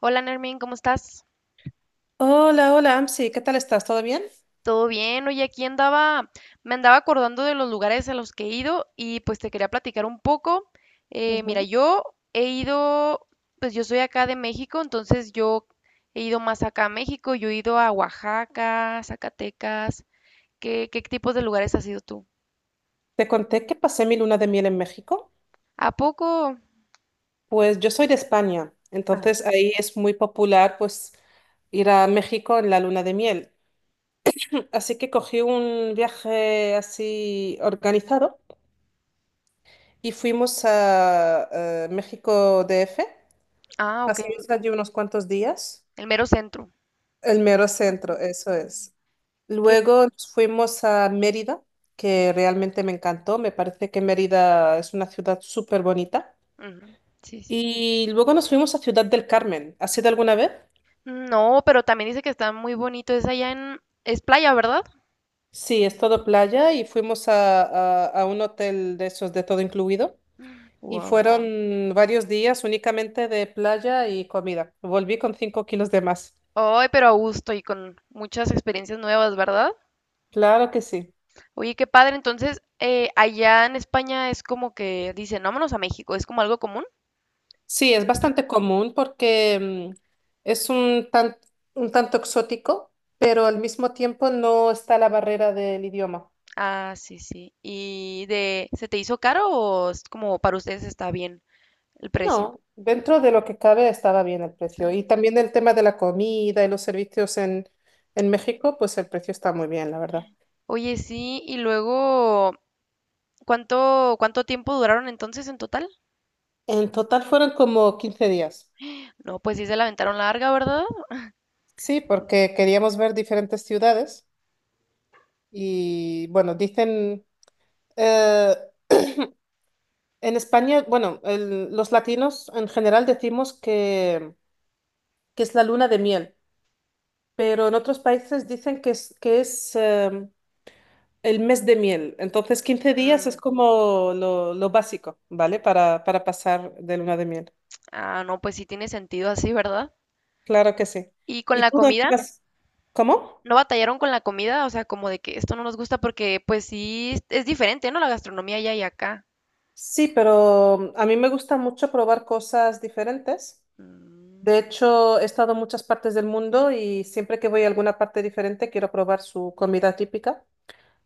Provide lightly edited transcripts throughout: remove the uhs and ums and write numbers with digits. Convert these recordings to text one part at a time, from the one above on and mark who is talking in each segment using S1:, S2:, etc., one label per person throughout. S1: Hola, Nermin, ¿cómo estás?
S2: Hola, hola, Amsi, ¿qué tal estás? ¿Todo bien?
S1: ¿Todo bien? Oye, aquí andaba, me andaba acordando de los lugares a los que he ido y pues te quería platicar un poco.
S2: Ujú.
S1: Yo he ido, pues yo soy acá de México, entonces yo he ido más acá a México, yo he ido a Oaxaca, Zacatecas. ¿Qué tipos de lugares has ido tú?
S2: Te conté que pasé mi luna de miel en México.
S1: ¿A poco?
S2: Pues yo soy de España,
S1: Ah,
S2: entonces ahí es muy popular pues ir a México en la luna de miel. Así que cogí un viaje así organizado y fuimos a, México D F.
S1: ok,
S2: Pasamos allí unos cuantos días.
S1: el mero centro.
S2: El mero centro,
S1: Ujú.
S2: eso es.
S1: ¿Qué?
S2: Luego nos fuimos a Mérida, que realmente me encantó. Me parece que Mérida es una ciudad súper bonita.
S1: Ujú. Sí, sí.
S2: Y luego nos fuimos a Ciudad del Carmen. ¿Has ido alguna vez?
S1: No, pero también dice que está muy bonito, es allá en, es playa, ¿verdad?
S2: Sí, es todo playa y fuimos a, a un hotel de esos de todo incluido. Y
S1: Wow.
S2: fueron varios días únicamente de playa y comida. Volví con 5 kilos de más.
S1: Ay, pero a gusto y con muchas experiencias nuevas, ¿verdad?
S2: Claro que sí.
S1: Oye, qué padre. Entonces, allá en España es como que dicen, vámonos a México, ¿es como algo común?
S2: Sí, es
S1: Sí.
S2: bastante común porque es un un tanto exótico, pero al mismo tiempo no está la barrera del idioma.
S1: Ah, sí, sí. ¿Y de, se te hizo caro o es como para ustedes está bien el precio?
S2: No, dentro de lo que cabe estaba bien el
S1: Está
S2: precio. Y
S1: bien.
S2: también el tema de la comida y los servicios en México, pues el precio está muy bien, la verdad.
S1: Oye, sí, y luego, ¿cuánto tiempo duraron entonces en total?
S2: En total fueron como 15 días.
S1: No, pues sí se la aventaron larga, ¿verdad?
S2: Sí, porque queríamos ver diferentes ciudades y bueno, dicen, eh, en España, bueno, los latinos en general decimos que es la luna de miel, pero en otros países dicen que es el mes de miel. Entonces, 15 días es
S1: Mm,
S2: como lo básico, ¿vale? Para pasar de luna de miel.
S1: ah, no, pues sí tiene sentido así, ¿verdad?
S2: Claro que sí.
S1: ¿Y con
S2: ¿Y
S1: la
S2: tú dónde
S1: comida?
S2: vas? ¿Cómo?
S1: ¿No batallaron con la comida? O sea, como de que esto no nos gusta porque pues sí, es diferente, ¿no? La gastronomía allá y acá.
S2: Sí, pero a mí me gusta mucho probar cosas diferentes. De
S1: Mm,
S2: hecho, he estado en muchas partes del mundo y siempre que voy a alguna parte diferente quiero probar su comida típica.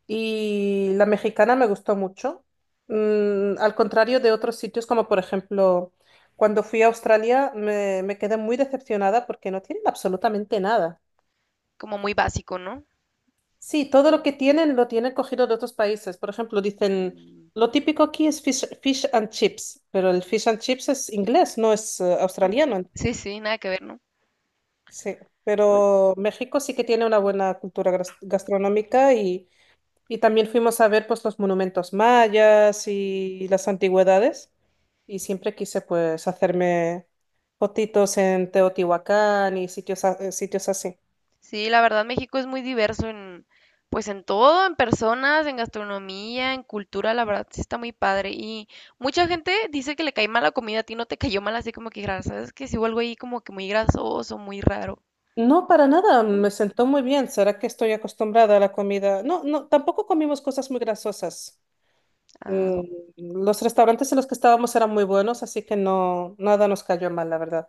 S2: Y la mexicana me gustó mucho. Mm, al contrario de otros sitios, como por ejemplo, cuando fui a Australia, me quedé muy decepcionada porque no tienen absolutamente nada.
S1: como muy básico, ¿no?
S2: Sí, todo lo que tienen lo tienen cogido de otros países. Por ejemplo, dicen, lo típico aquí es fish and chips, pero el fish and chips es inglés, no es
S1: Mm.
S2: australiano.
S1: Sí, sí, nada que ver, ¿no?
S2: Sí,
S1: Pues,
S2: pero México sí que tiene una buena cultura gastronómica. Y también fuimos a ver pues los monumentos mayas y las antigüedades. Y siempre quise pues hacerme fotitos en Teotihuacán y sitios, sitios así.
S1: sí, la verdad México es muy diverso en, pues en todo, en personas, en gastronomía, en cultura, la verdad sí está muy padre. Y mucha gente dice que le cae mal la comida, a ti no te cayó mal así como que, "Gra- ¿sabes? Que si algo ahí como que muy grasoso, muy raro,
S2: No, para nada,
S1: ¿no?"
S2: me sentó muy bien. ¿Será que estoy acostumbrada a la comida? No, no, tampoco comimos cosas muy grasosas. Mm.
S1: Ah,
S2: Los restaurantes en los que estábamos eran muy buenos, así que no, nada nos cayó mal, la verdad.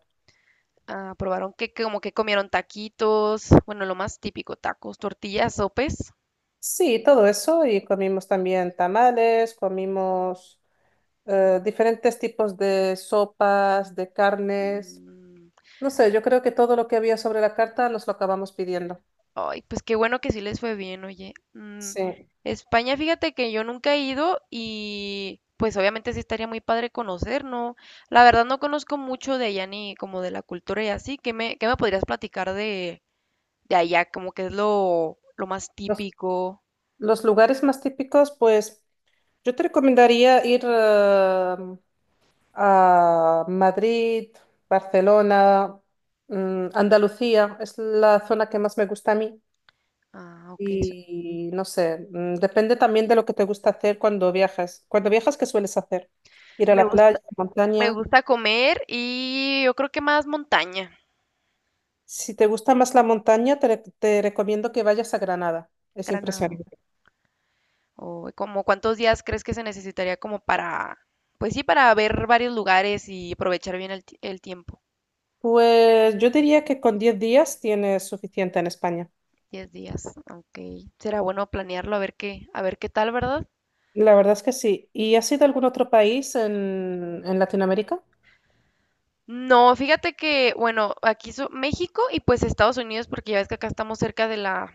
S1: ah, probaron que como que comieron taquitos, bueno, lo más típico, tacos, tortillas, sopes.
S2: Sí, todo eso, y comimos también tamales, comimos diferentes tipos de sopas, de carnes.
S1: Mm,
S2: No sé, yo creo que todo lo que había sobre la carta nos lo acabamos pidiendo.
S1: ay, pues qué bueno que sí les fue bien, oye. Mm,
S2: Sí.
S1: España, fíjate que yo nunca he ido y pues obviamente sí estaría muy padre conocer, ¿no? La verdad no conozco mucho de allá ni como de la cultura y así. ¿Qué me podrías platicar de allá? Como que es lo más
S2: Los,
S1: típico.
S2: los lugares más típicos, pues yo te recomendaría ir a Madrid, Barcelona, mm, Andalucía. Es la zona que más me gusta a mí.
S1: Ah, ok. So-
S2: Y no sé, mm, depende también de lo que te gusta hacer cuando viajas. Cuando viajas, ¿qué sueles hacer? ¿Ir a
S1: me
S2: la playa,
S1: gusta, me
S2: montaña?
S1: gusta comer y yo creo que más montaña.
S2: Si te gusta más la montaña, te, te recomiendo que vayas a Granada. Es
S1: Granada.
S2: impresionante.
S1: ¿O como cuántos días crees que se necesitaría como para, pues sí, para ver varios lugares y aprovechar bien el, ti- el tiempo?
S2: Pues yo diría que con 10 días tienes suficiente en España.
S1: 10 días, ok. Será bueno planearlo a ver qué tal, ¿verdad?
S2: La verdad es que sí. ¿Y has ido a algún otro país en Latinoamérica?
S1: No, fíjate que, bueno, aquí so- México y pues Estados Unidos, porque ya ves que acá estamos cerca de la,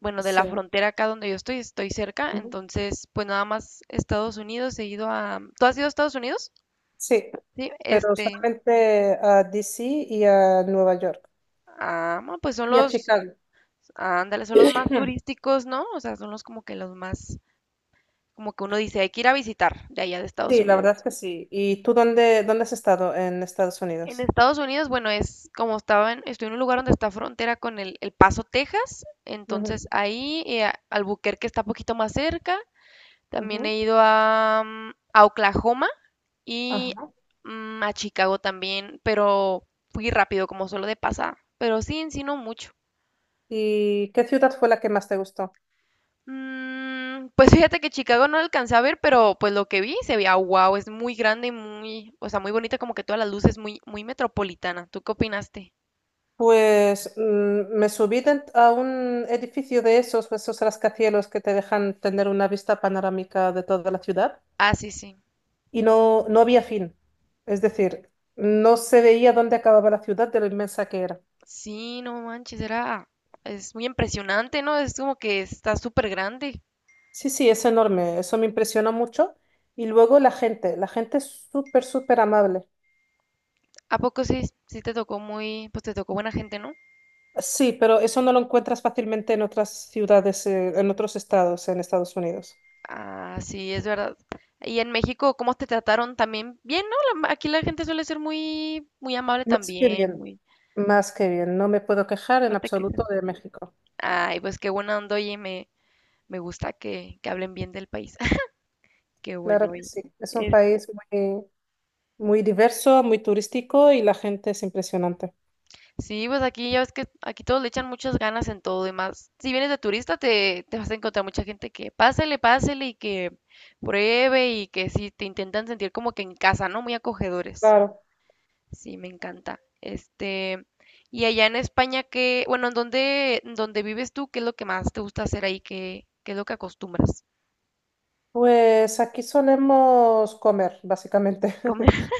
S1: bueno, de
S2: Sí.
S1: la frontera acá donde yo estoy, estoy cerca,
S2: Ujú.
S1: entonces pues nada más Estados Unidos, he ido a... ¿Tú has ido a Estados Unidos?
S2: Sí,
S1: Sí,
S2: pero
S1: este,
S2: solamente a DC y a Nueva York.
S1: ah, bueno, pues son
S2: Y a
S1: los,
S2: Chicago.
S1: ándale, son los más turísticos, ¿no? O sea, son los como que los más, como que uno dice, hay que ir a visitar de allá de Estados
S2: Sí, la
S1: Unidos.
S2: verdad es que sí. ¿Y tú dónde, dónde has estado en Estados
S1: En
S2: Unidos?
S1: Estados Unidos, bueno, es como estaba en, estoy en un lugar donde está frontera con el Paso, Texas,
S2: Ujú,
S1: entonces ahí a- Albuquerque está poquito más cerca. También
S2: ujú.
S1: he ido a, a Oklahoma y
S2: Ajá.
S1: a Chicago también, pero fui rápido, como solo de pasada. Pero sí, en sí no mucho.
S2: ¿Y qué ciudad fue la que más te gustó?
S1: Mm, pues fíjate que Chicago no alcancé a ver, pero pues lo que vi se veía wow, es muy grande, y muy, o sea, muy bonita, como que todas las luces muy, muy metropolitana. ¿Tú qué opinaste?
S2: Pues mm, me subí a un edificio de esos, esos rascacielos que te dejan tener una vista panorámica de toda la ciudad
S1: Ah, sí, sí.
S2: y no, no había fin. Es decir, no se veía dónde acababa la ciudad de lo inmensa que era.
S1: Sí, no manches, era, es muy impresionante, ¿no? Es como que está súper grande.
S2: Sí, sí, es enorme. Eso me impresionó mucho. Y luego la gente es súper, súper amable.
S1: ¿A poco sí, sí te tocó muy, pues te tocó buena gente, ¿no?
S2: Sí, pero eso no lo encuentras fácilmente en otras ciudades, en otros estados, en Estados Unidos.
S1: Ah, sí, es verdad. Y en México, ¿cómo te trataron también? Bien, ¿no? La- aquí la gente suele ser muy, muy amable
S2: Más que
S1: también,
S2: bien,
S1: muy,
S2: más que bien. No me puedo quejar en
S1: no te
S2: absoluto
S1: quejes.
S2: de México.
S1: Ay, pues qué buena onda, oye, me gusta que hablen bien del país. Qué
S2: Claro
S1: bueno.
S2: que
S1: Y
S2: sí. Es un
S1: es-
S2: país muy, muy diverso, muy turístico y la gente es impresionante.
S1: sí, pues aquí ya ves que aquí todos le echan muchas ganas en todo y más. Si vienes de turista, te vas a encontrar mucha gente que pásele, pásele y que pruebe y que sí, te intentan sentir como que en casa, ¿no? Muy acogedores.
S2: Claro.
S1: Sí, me encanta. Este, y allá en España, ¿qué, bueno, en dónde vives tú? ¿Qué es lo que más te gusta hacer ahí? ¿Qué es lo que acostumbras?
S2: Pues aquí solemos comer, básicamente.
S1: Comer,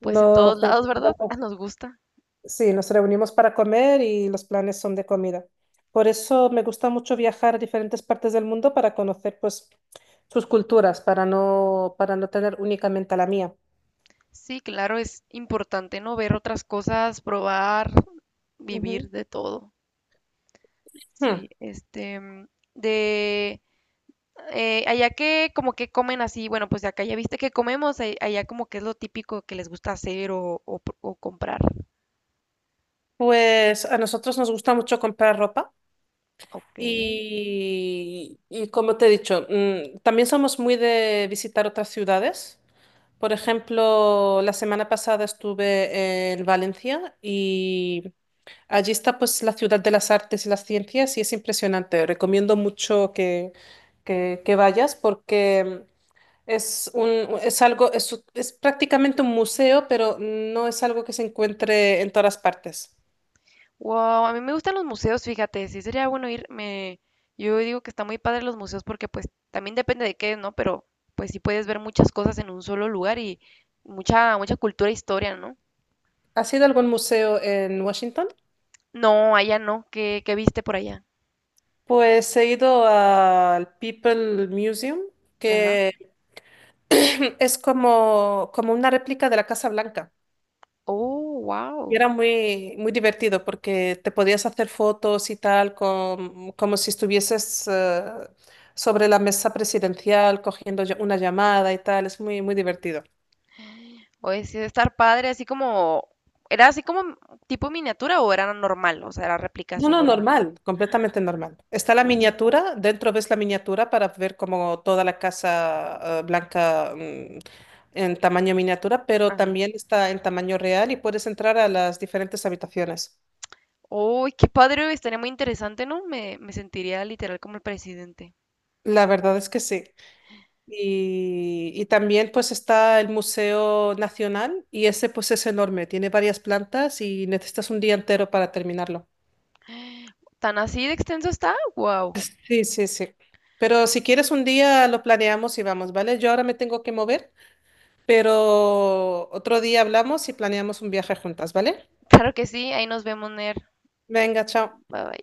S1: pues en todos
S2: Nos
S1: lados, ¿verdad?
S2: encontramos-
S1: Nos gusta.
S2: sí, nos reunimos para comer y los planes son de comida. Por eso me gusta mucho viajar a diferentes partes del mundo para conocer pues sus culturas, para no tener únicamente la mía.
S1: Sí, claro, es importante no ver otras cosas, probar, vivir
S2: Ujú.
S1: de todo.
S2: Hmm.
S1: Sí, este, mm, de allá que como que comen así, bueno, pues acá ya viste que comemos, a- allá como que es lo típico que les gusta hacer o pr- o comprar.
S2: Pues a nosotros nos gusta mucho comprar ropa.
S1: Ok.
S2: Y como te he dicho, mm, también somos muy de visitar otras ciudades. Por ejemplo, la semana pasada estuve en Valencia y allí está pues la ciudad de las artes y las ciencias y es impresionante. Recomiendo mucho que, que vayas porque es un, es algo, es prácticamente un museo, pero no es algo que se encuentre en todas partes.
S1: Wow, a mí me gustan los museos, fíjate, sí sería bueno ir, me, yo digo que está muy padre los museos porque pues también depende de qué, ¿no? Pero pues sí puedes ver muchas cosas en un solo lugar y mucha, mucha cultura e historia, ¿no?
S2: ¿Has ido a algún museo en Washington?
S1: No, allá no. ¿Qué, qué viste por allá?
S2: Pues he ido al People Museum,
S1: Ajá.
S2: que es como, como una réplica de la Casa Blanca.
S1: Oh,
S2: Y
S1: wow.
S2: era muy, muy divertido porque te podías hacer fotos y tal, como si estuvieses sobre la mesa presidencial cogiendo una llamada y tal. Es muy, muy divertido.
S1: Oye, sí debe estar padre, así como... ¿Era así como m- tipo miniatura o era normal? O sea, era réplica
S2: No,
S1: así
S2: no,
S1: normal.
S2: normal, completamente normal. Está la
S1: Oh,
S2: miniatura, dentro ves la miniatura para ver como toda la casa blanca, mm, en tamaño miniatura, pero
S1: ajá.
S2: también está en tamaño real y puedes entrar a las diferentes habitaciones.
S1: Uy, qué padre, estaría muy interesante, ¿no? Me sentiría literal como el presidente.
S2: La verdad es que sí. Y también pues está el Museo Nacional y ese pues es enorme, tiene varias plantas y necesitas un día entero para terminarlo.
S1: ¿Tan así de extenso está? Wow.
S2: Sí, sí, sí. Pero si quieres un día lo planeamos y vamos, ¿vale? Yo ahora me tengo que mover. Pero otro día hablamos y planeamos un viaje juntas, ¿vale?
S1: Claro que sí, ahí nos vemos, Ner.
S2: Venga, chao.
S1: Bye bye.